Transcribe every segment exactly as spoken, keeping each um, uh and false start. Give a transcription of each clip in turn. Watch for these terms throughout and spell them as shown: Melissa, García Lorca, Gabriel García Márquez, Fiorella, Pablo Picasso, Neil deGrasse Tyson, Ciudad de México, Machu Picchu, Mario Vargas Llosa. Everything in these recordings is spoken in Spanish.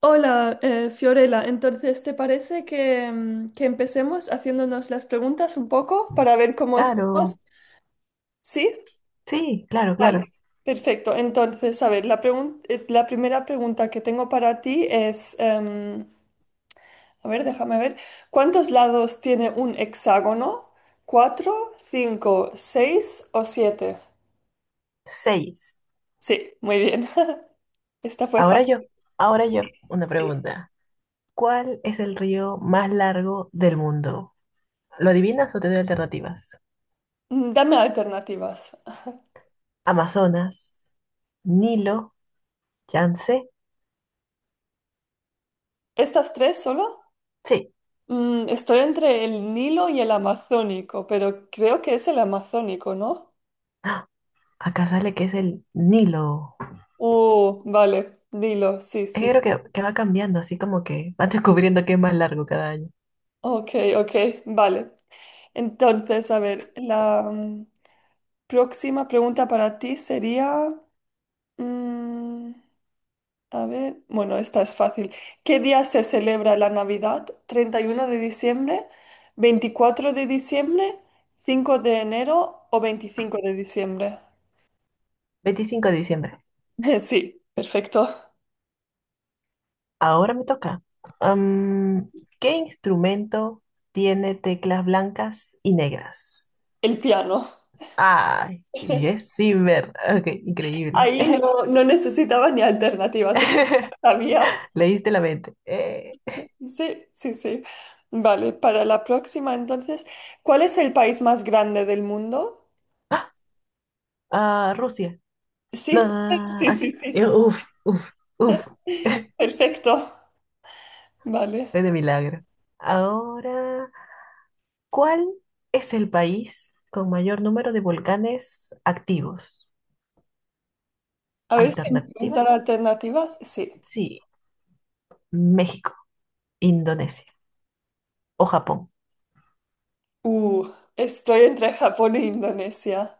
Hola, eh, Fiorella. Entonces, ¿te parece que, mm, que empecemos haciéndonos las preguntas un poco para ver cómo estamos? Claro, ¿Sí? sí, claro, Vale, claro. perfecto. Entonces, a ver, la pregun- eh, la primera pregunta que tengo para ti es, em, a ver, déjame ver, ¿cuántos lados tiene un hexágono? ¿Cuatro, cinco, seis o siete? Seis. Sí, muy bien. Esta fue Ahora fácil. yo, ahora yo, una pregunta. ¿Cuál es el río más largo del mundo? ¿Lo adivinas o te doy alternativas? Mm, Dame alternativas. Amazonas, Nilo, Yangtze. ¿Estas tres solo? Sí. Mm, estoy entre el Nilo y el Amazónico, pero creo que es el Amazónico, ¿no? ¡Ah! Acá sale que es el Nilo. Uh, vale, Nilo, sí, Es que sí. creo que, que va cambiando, así como que va descubriendo que es más largo cada año. Ok, ok, vale. Entonces, a ver, la mm, próxima pregunta para ti sería, mm, a ver, bueno, esta es fácil. ¿Qué día se celebra la Navidad? ¿Treinta y uno de diciembre, veinticuatro de diciembre, cinco de enero o veinticinco de diciembre? Veinticinco de diciembre. Sí, perfecto. Ahora me toca. Am, ¿Qué instrumento tiene teclas blancas y negras? El piano. Ay, Yes Zimmer. Ok, increíble. Ahí no, no necesitaba ni alternativas, es- sabía. Leíste la mente. Eh, Sí, sí, sí. Vale, para la próxima entonces, ¿cuál es el país más grande del mundo? ah, Rusia. Sí, No, sí, sí, ¿así? sí. Eh, Uf, uf, uf. Perfecto. Vale. Fue de milagro. Ahora. ¿Cuál es el país con mayor número de volcanes activos? A ver si me puedes dar Alternativas. alternativas. Sí. Sí, México, Indonesia o Japón. Uh, Estoy entre Japón e Indonesia.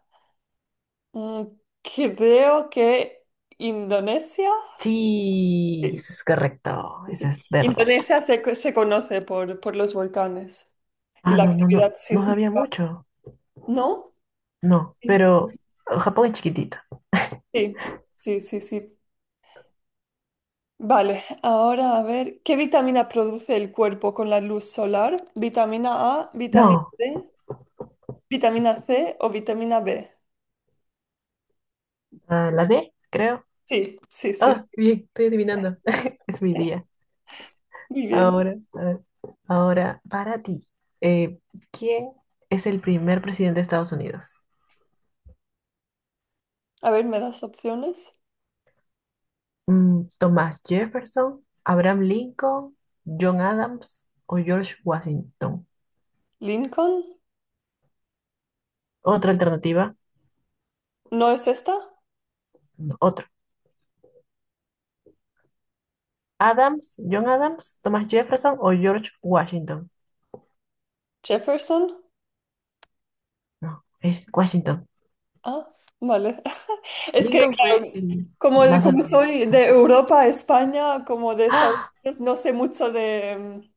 Mm, Creo que Indonesia. Sí, Sí, eso es correcto, eso sí. es verdad. Indonesia se, co- se conoce por, por los volcanes. Y Ah, la no, no, no, actividad no sabía sísmica, mucho. ¿no? No, pero eh, Japón es chiquitito. Sí, sí, sí, sí. Vale, ahora a ver, ¿qué vitamina produce el cuerpo con la luz solar? ¿Vitamina A, vitamina No, D, vitamina C o vitamina B? ah, la D, creo. Sí, sí, sí, sí. Ah, bien, estoy adivinando. Es mi día. Muy bien. Ahora, a ver, ahora, para ti, eh, ¿quién es el primer presidente de Estados Unidos? A ver, ¿me das opciones? Mm, Thomas Jefferson, Abraham Lincoln, John Adams o George Washington. ¿Lincoln? Otra alternativa, ¿No es esta? no, otro. Adams, John Adams, Thomas Jefferson o George Washington. ¿Jefferson? No, es Washington. Ah, vale. Es que, Lincoln fue claro, el como, más como soy de honesto. Europa, España, como de Estados Ah, Unidos, no sé mucho de, mm,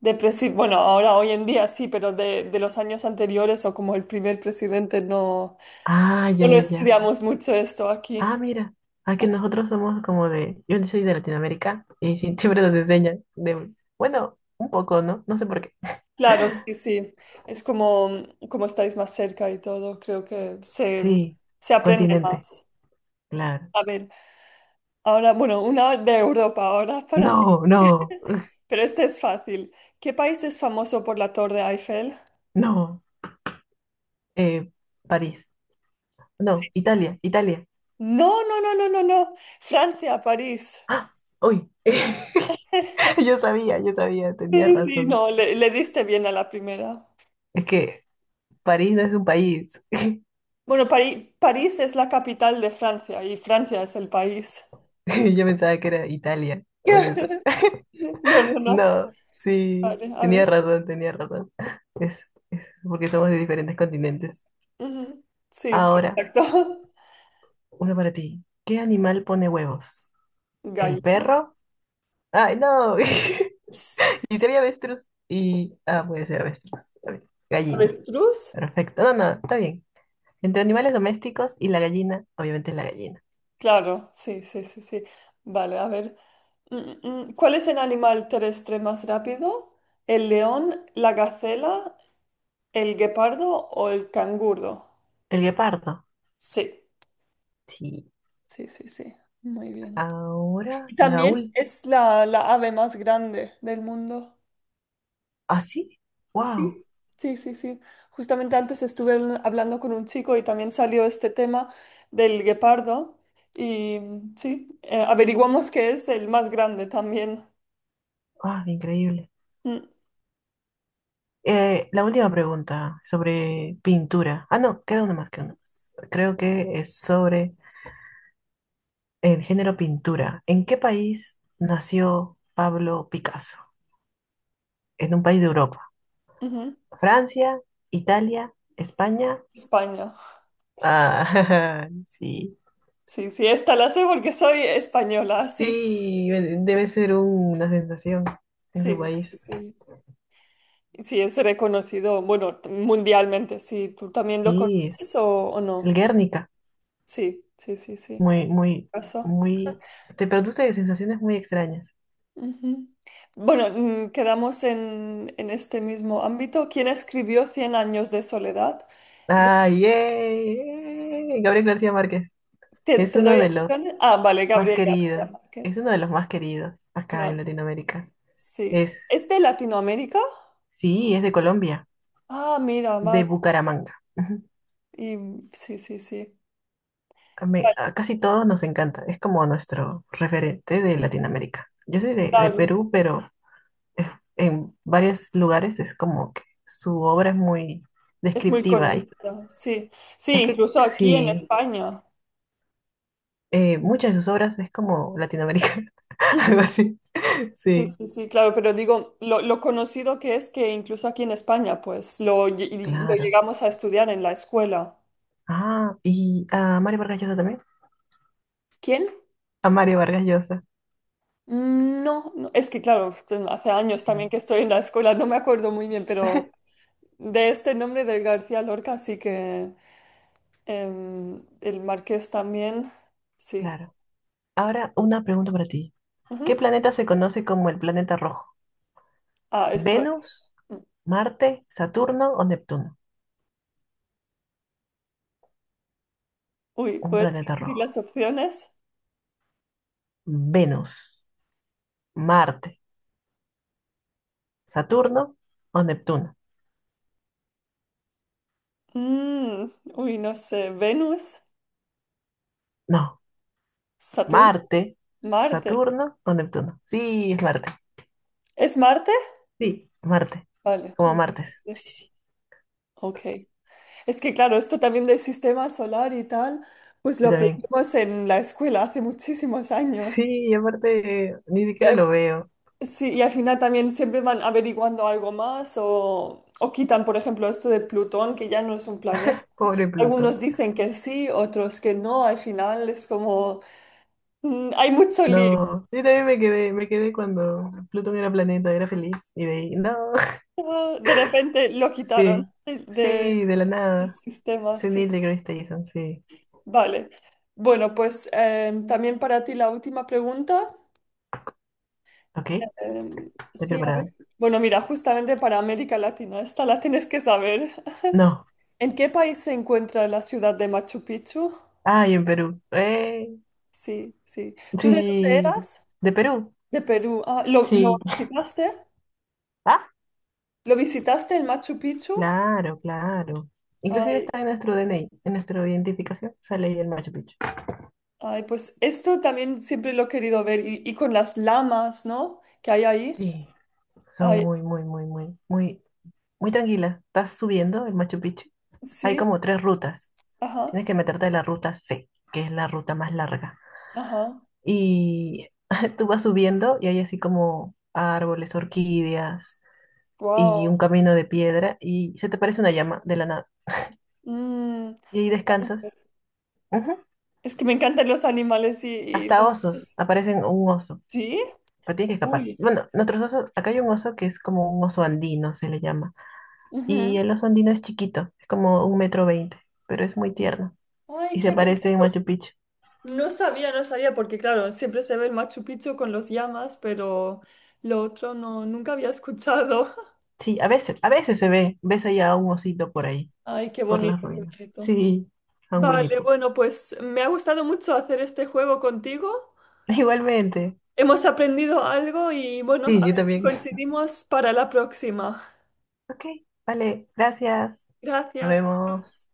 de presi- Bueno, ahora hoy en día sí, pero de, de los años anteriores o como el primer presidente no, ah, ya, no lo ya, ya. estudiamos mucho esto aquí. Ah, mira. Aquí nosotros somos como de, yo no soy de Latinoamérica y sí, siempre nos enseñan de, bueno, un poco, ¿no? No sé por qué. Claro, sí, sí. Es como, como estáis más cerca y todo, creo que se, Sí, se aprende continente, más. claro. A ver, ahora, bueno, una de Europa, ahora para ti. No, no. Pero este es fácil. ¿Qué país es famoso por la Torre Eiffel? No, eh, París. Sí. No, Italia, Italia. No, no, no, no, no, no. Francia, París. ¡Ah! ¡Uy! Yo sabía, yo sabía, tenía Sí, sí, razón. no, le, le diste bien a la primera. Es que París no es un país. Bueno, Pari- París es la capital de Francia y Francia es el país. Yo pensaba que era Italia, por eso. No, no, no. No, sí, Vale, a tenía ver. razón, tenía razón. Es, es porque somos de diferentes continentes. Ujú. Sí, Ahora, exacto. uno para ti. ¿Qué animal pone huevos? ¿El Gallina. perro? ¡Ay, no! Y sería avestruz. Y, ah, puede ser avestruz. Está bien. Gallina. Avestruz. Perfecto. No, no, está bien. Entre animales domésticos y la gallina, obviamente es la gallina. Claro, sí, sí, sí, sí. Vale, a ver. Mm, mm, ¿Cuál es el animal terrestre más rápido? ¿El león, la gacela, el guepardo o el canguro? El guepardo. Sí, Sí. sí, sí, sí. Muy bien. Ahora, Y la también última. es la, la ave más grande del mundo. ¿Ah, sí? ¡Wow! Sí, sí, sí, sí. Justamente antes estuve habl- hablando con un chico y también salió este tema del guepardo. Y mm, sí, eh, averiguamos que es el más grande también. ¡Ah, increíble! Mm, Eh, la última pregunta sobre pintura. Ah, no, queda una más, queda una más. Creo que es sobre el género pintura. ¿En qué país nació Pablo Picasso? En un país de Europa. ujú. ¿Francia, Italia, España? España. Ah, sí. Sí, sí, esta la sé porque soy española, sí, Sí, debe ser una sensación en su sí, sí, país. sí. Sí, es reconocido, bueno, t- mundialmente, sí. ¿Tú también lo Sí, conoces es o, o el no? Guernica. Sí, sí, sí, sí. Muy, muy, Pasó. muy. Te produce sensaciones muy extrañas. Ujú. Bueno, mm, quedamos en, en este mismo ámbito. ¿Quién escribió Cien años de soledad? Ga- ¡Ah, yay! Gabriel García Márquez. ¿Te, Es te uno doy de los opciones? Ah, vale, más Gabriel García queridos. Es Márquez. uno de los más queridos acá en Claro, Latinoamérica. sí. ¿Es Es, de Latinoamérica? sí, es de Colombia, Ah, mira, de vale. Bucaramanga. Y, sí, sí, sí. A, me- Vale, a casi todos nos encanta, es como nuestro referente de Latinoamérica. Yo soy de, de claro. Perú, pero eh, en varios lugares es como que su obra es muy Es muy descriptiva. Y conocido, sí. Sí, es que incluso aquí en sí, España. eh, muchas de sus obras es como Latinoamérica, Ujú. algo así. Sí, Sí, sí, sí, claro, pero digo, lo, lo conocido que es que incluso aquí en España, pues lo, lle- lo claro. llegamos a estudiar en la escuela. Ah, y a Mario Vargas Llosa también. ¿Quién? A Mario Vargas Llosa, Mm, No, no, es que claro, hace años también sí, que estoy en la escuela, no me acuerdo muy bien, pero de este nombre de García Lorca sí que em, el Marqués también, sí. claro. Ahora una pregunta para ti. ¿Qué Ujú. planeta se conoce como el planeta rojo? Ah, esto es. Venus, mm, Marte, Saturno o Neptuno. Uy, Un ¿puedes planeta repetir las rojo. opciones? Venus, Marte, Saturno o Neptuno. Mm, Uy, no sé. Venus, No, Saturno, Marte, Marte. Saturno o Neptuno. Sí, es Marte. ¿Es Marte? Sí, Marte. Vale. Como martes. Sí, Marte. sí, sí. Ok. Es que claro, esto también del sistema solar y tal, pues Yo lo también. aprendimos en la escuela hace muchísimos años. Sí, y aparte ni Y siquiera lo al, veo. sí, y al final también siempre van averiguando algo más o, o quitan, por ejemplo, esto de Plutón, que ya no es un planeta. Pobre Algunos Plutón. dicen que sí, otros que no. Al final es como, mm, hay mucho lío. No, yo también me quedé, me quedé cuando Plutón era planeta, era feliz. Y de ahí, no. Ah, de repente lo quitaron Sí, de- de- sí, de la del nada. sistema, Sí, sí. Neil deGrasse Tyson, sí. Vale. Bueno, pues em, también para ti la última pregunta. Ok, Em, estoy Sí, a preparada. ver. Bueno, mira, justamente para América Latina, esta la tienes que saber. No. ¿En qué país se encuentra la ciudad de Machu Picchu? Ay, en Perú. Eh, Sí, sí. ¿Tú de dónde sí. eras? ¿De Perú? De Perú. Ah, ¿lo, lo Sí. visitaste? Ah, ¿Lo visitaste en Machu Picchu? claro, claro. Inclusive Ay, está en nuestro D N I, en nuestra identificación, sale ahí el Machu Picchu. ay, pues esto también siempre lo he querido ver y, y con las lamas, ¿no? Que hay ahí. Sí, son Ay, muy, muy, muy, muy, muy, muy tranquilas. Estás subiendo el Machu Picchu. Hay sí, como tres rutas. ajá, Tienes que meterte en la ruta ce, que es la ruta más larga. ajá, Y tú vas subiendo y hay así como árboles, orquídeas, y un wow. camino de piedra y se te aparece una llama de la nada. Mm, Y ahí Ay, descansas. Ujú. es que me encantan los animales y, y Hasta los- osos, aparecen un oso, ¿Sí? pero tienes que escapar. Uy. Bueno, nuestros osos, acá hay un oso que es como un oso andino, se le llama. Y Ujú. el oso andino es chiquito, es como un metro veinte, pero es muy tierno. Ay, Y se qué aparece en bonito. Machu Picchu. No sabía, no sabía, porque claro, siempre se ve el Machu Picchu con los llamas, pero lo otro no, nunca había escuchado. Sí, a veces, a veces se ve, ves allá a un osito por ahí, Ay, qué por las bonito, qué ruinas. bonito. Sí, a un Winnie Vale, Pooh. bueno, pues me ha gustado mucho hacer este juego contigo. Igualmente. Hemos aprendido algo y bueno, a Sí, yo ver si también. coincidimos para la próxima. Ok, vale, gracias. Nos Gracias. vemos.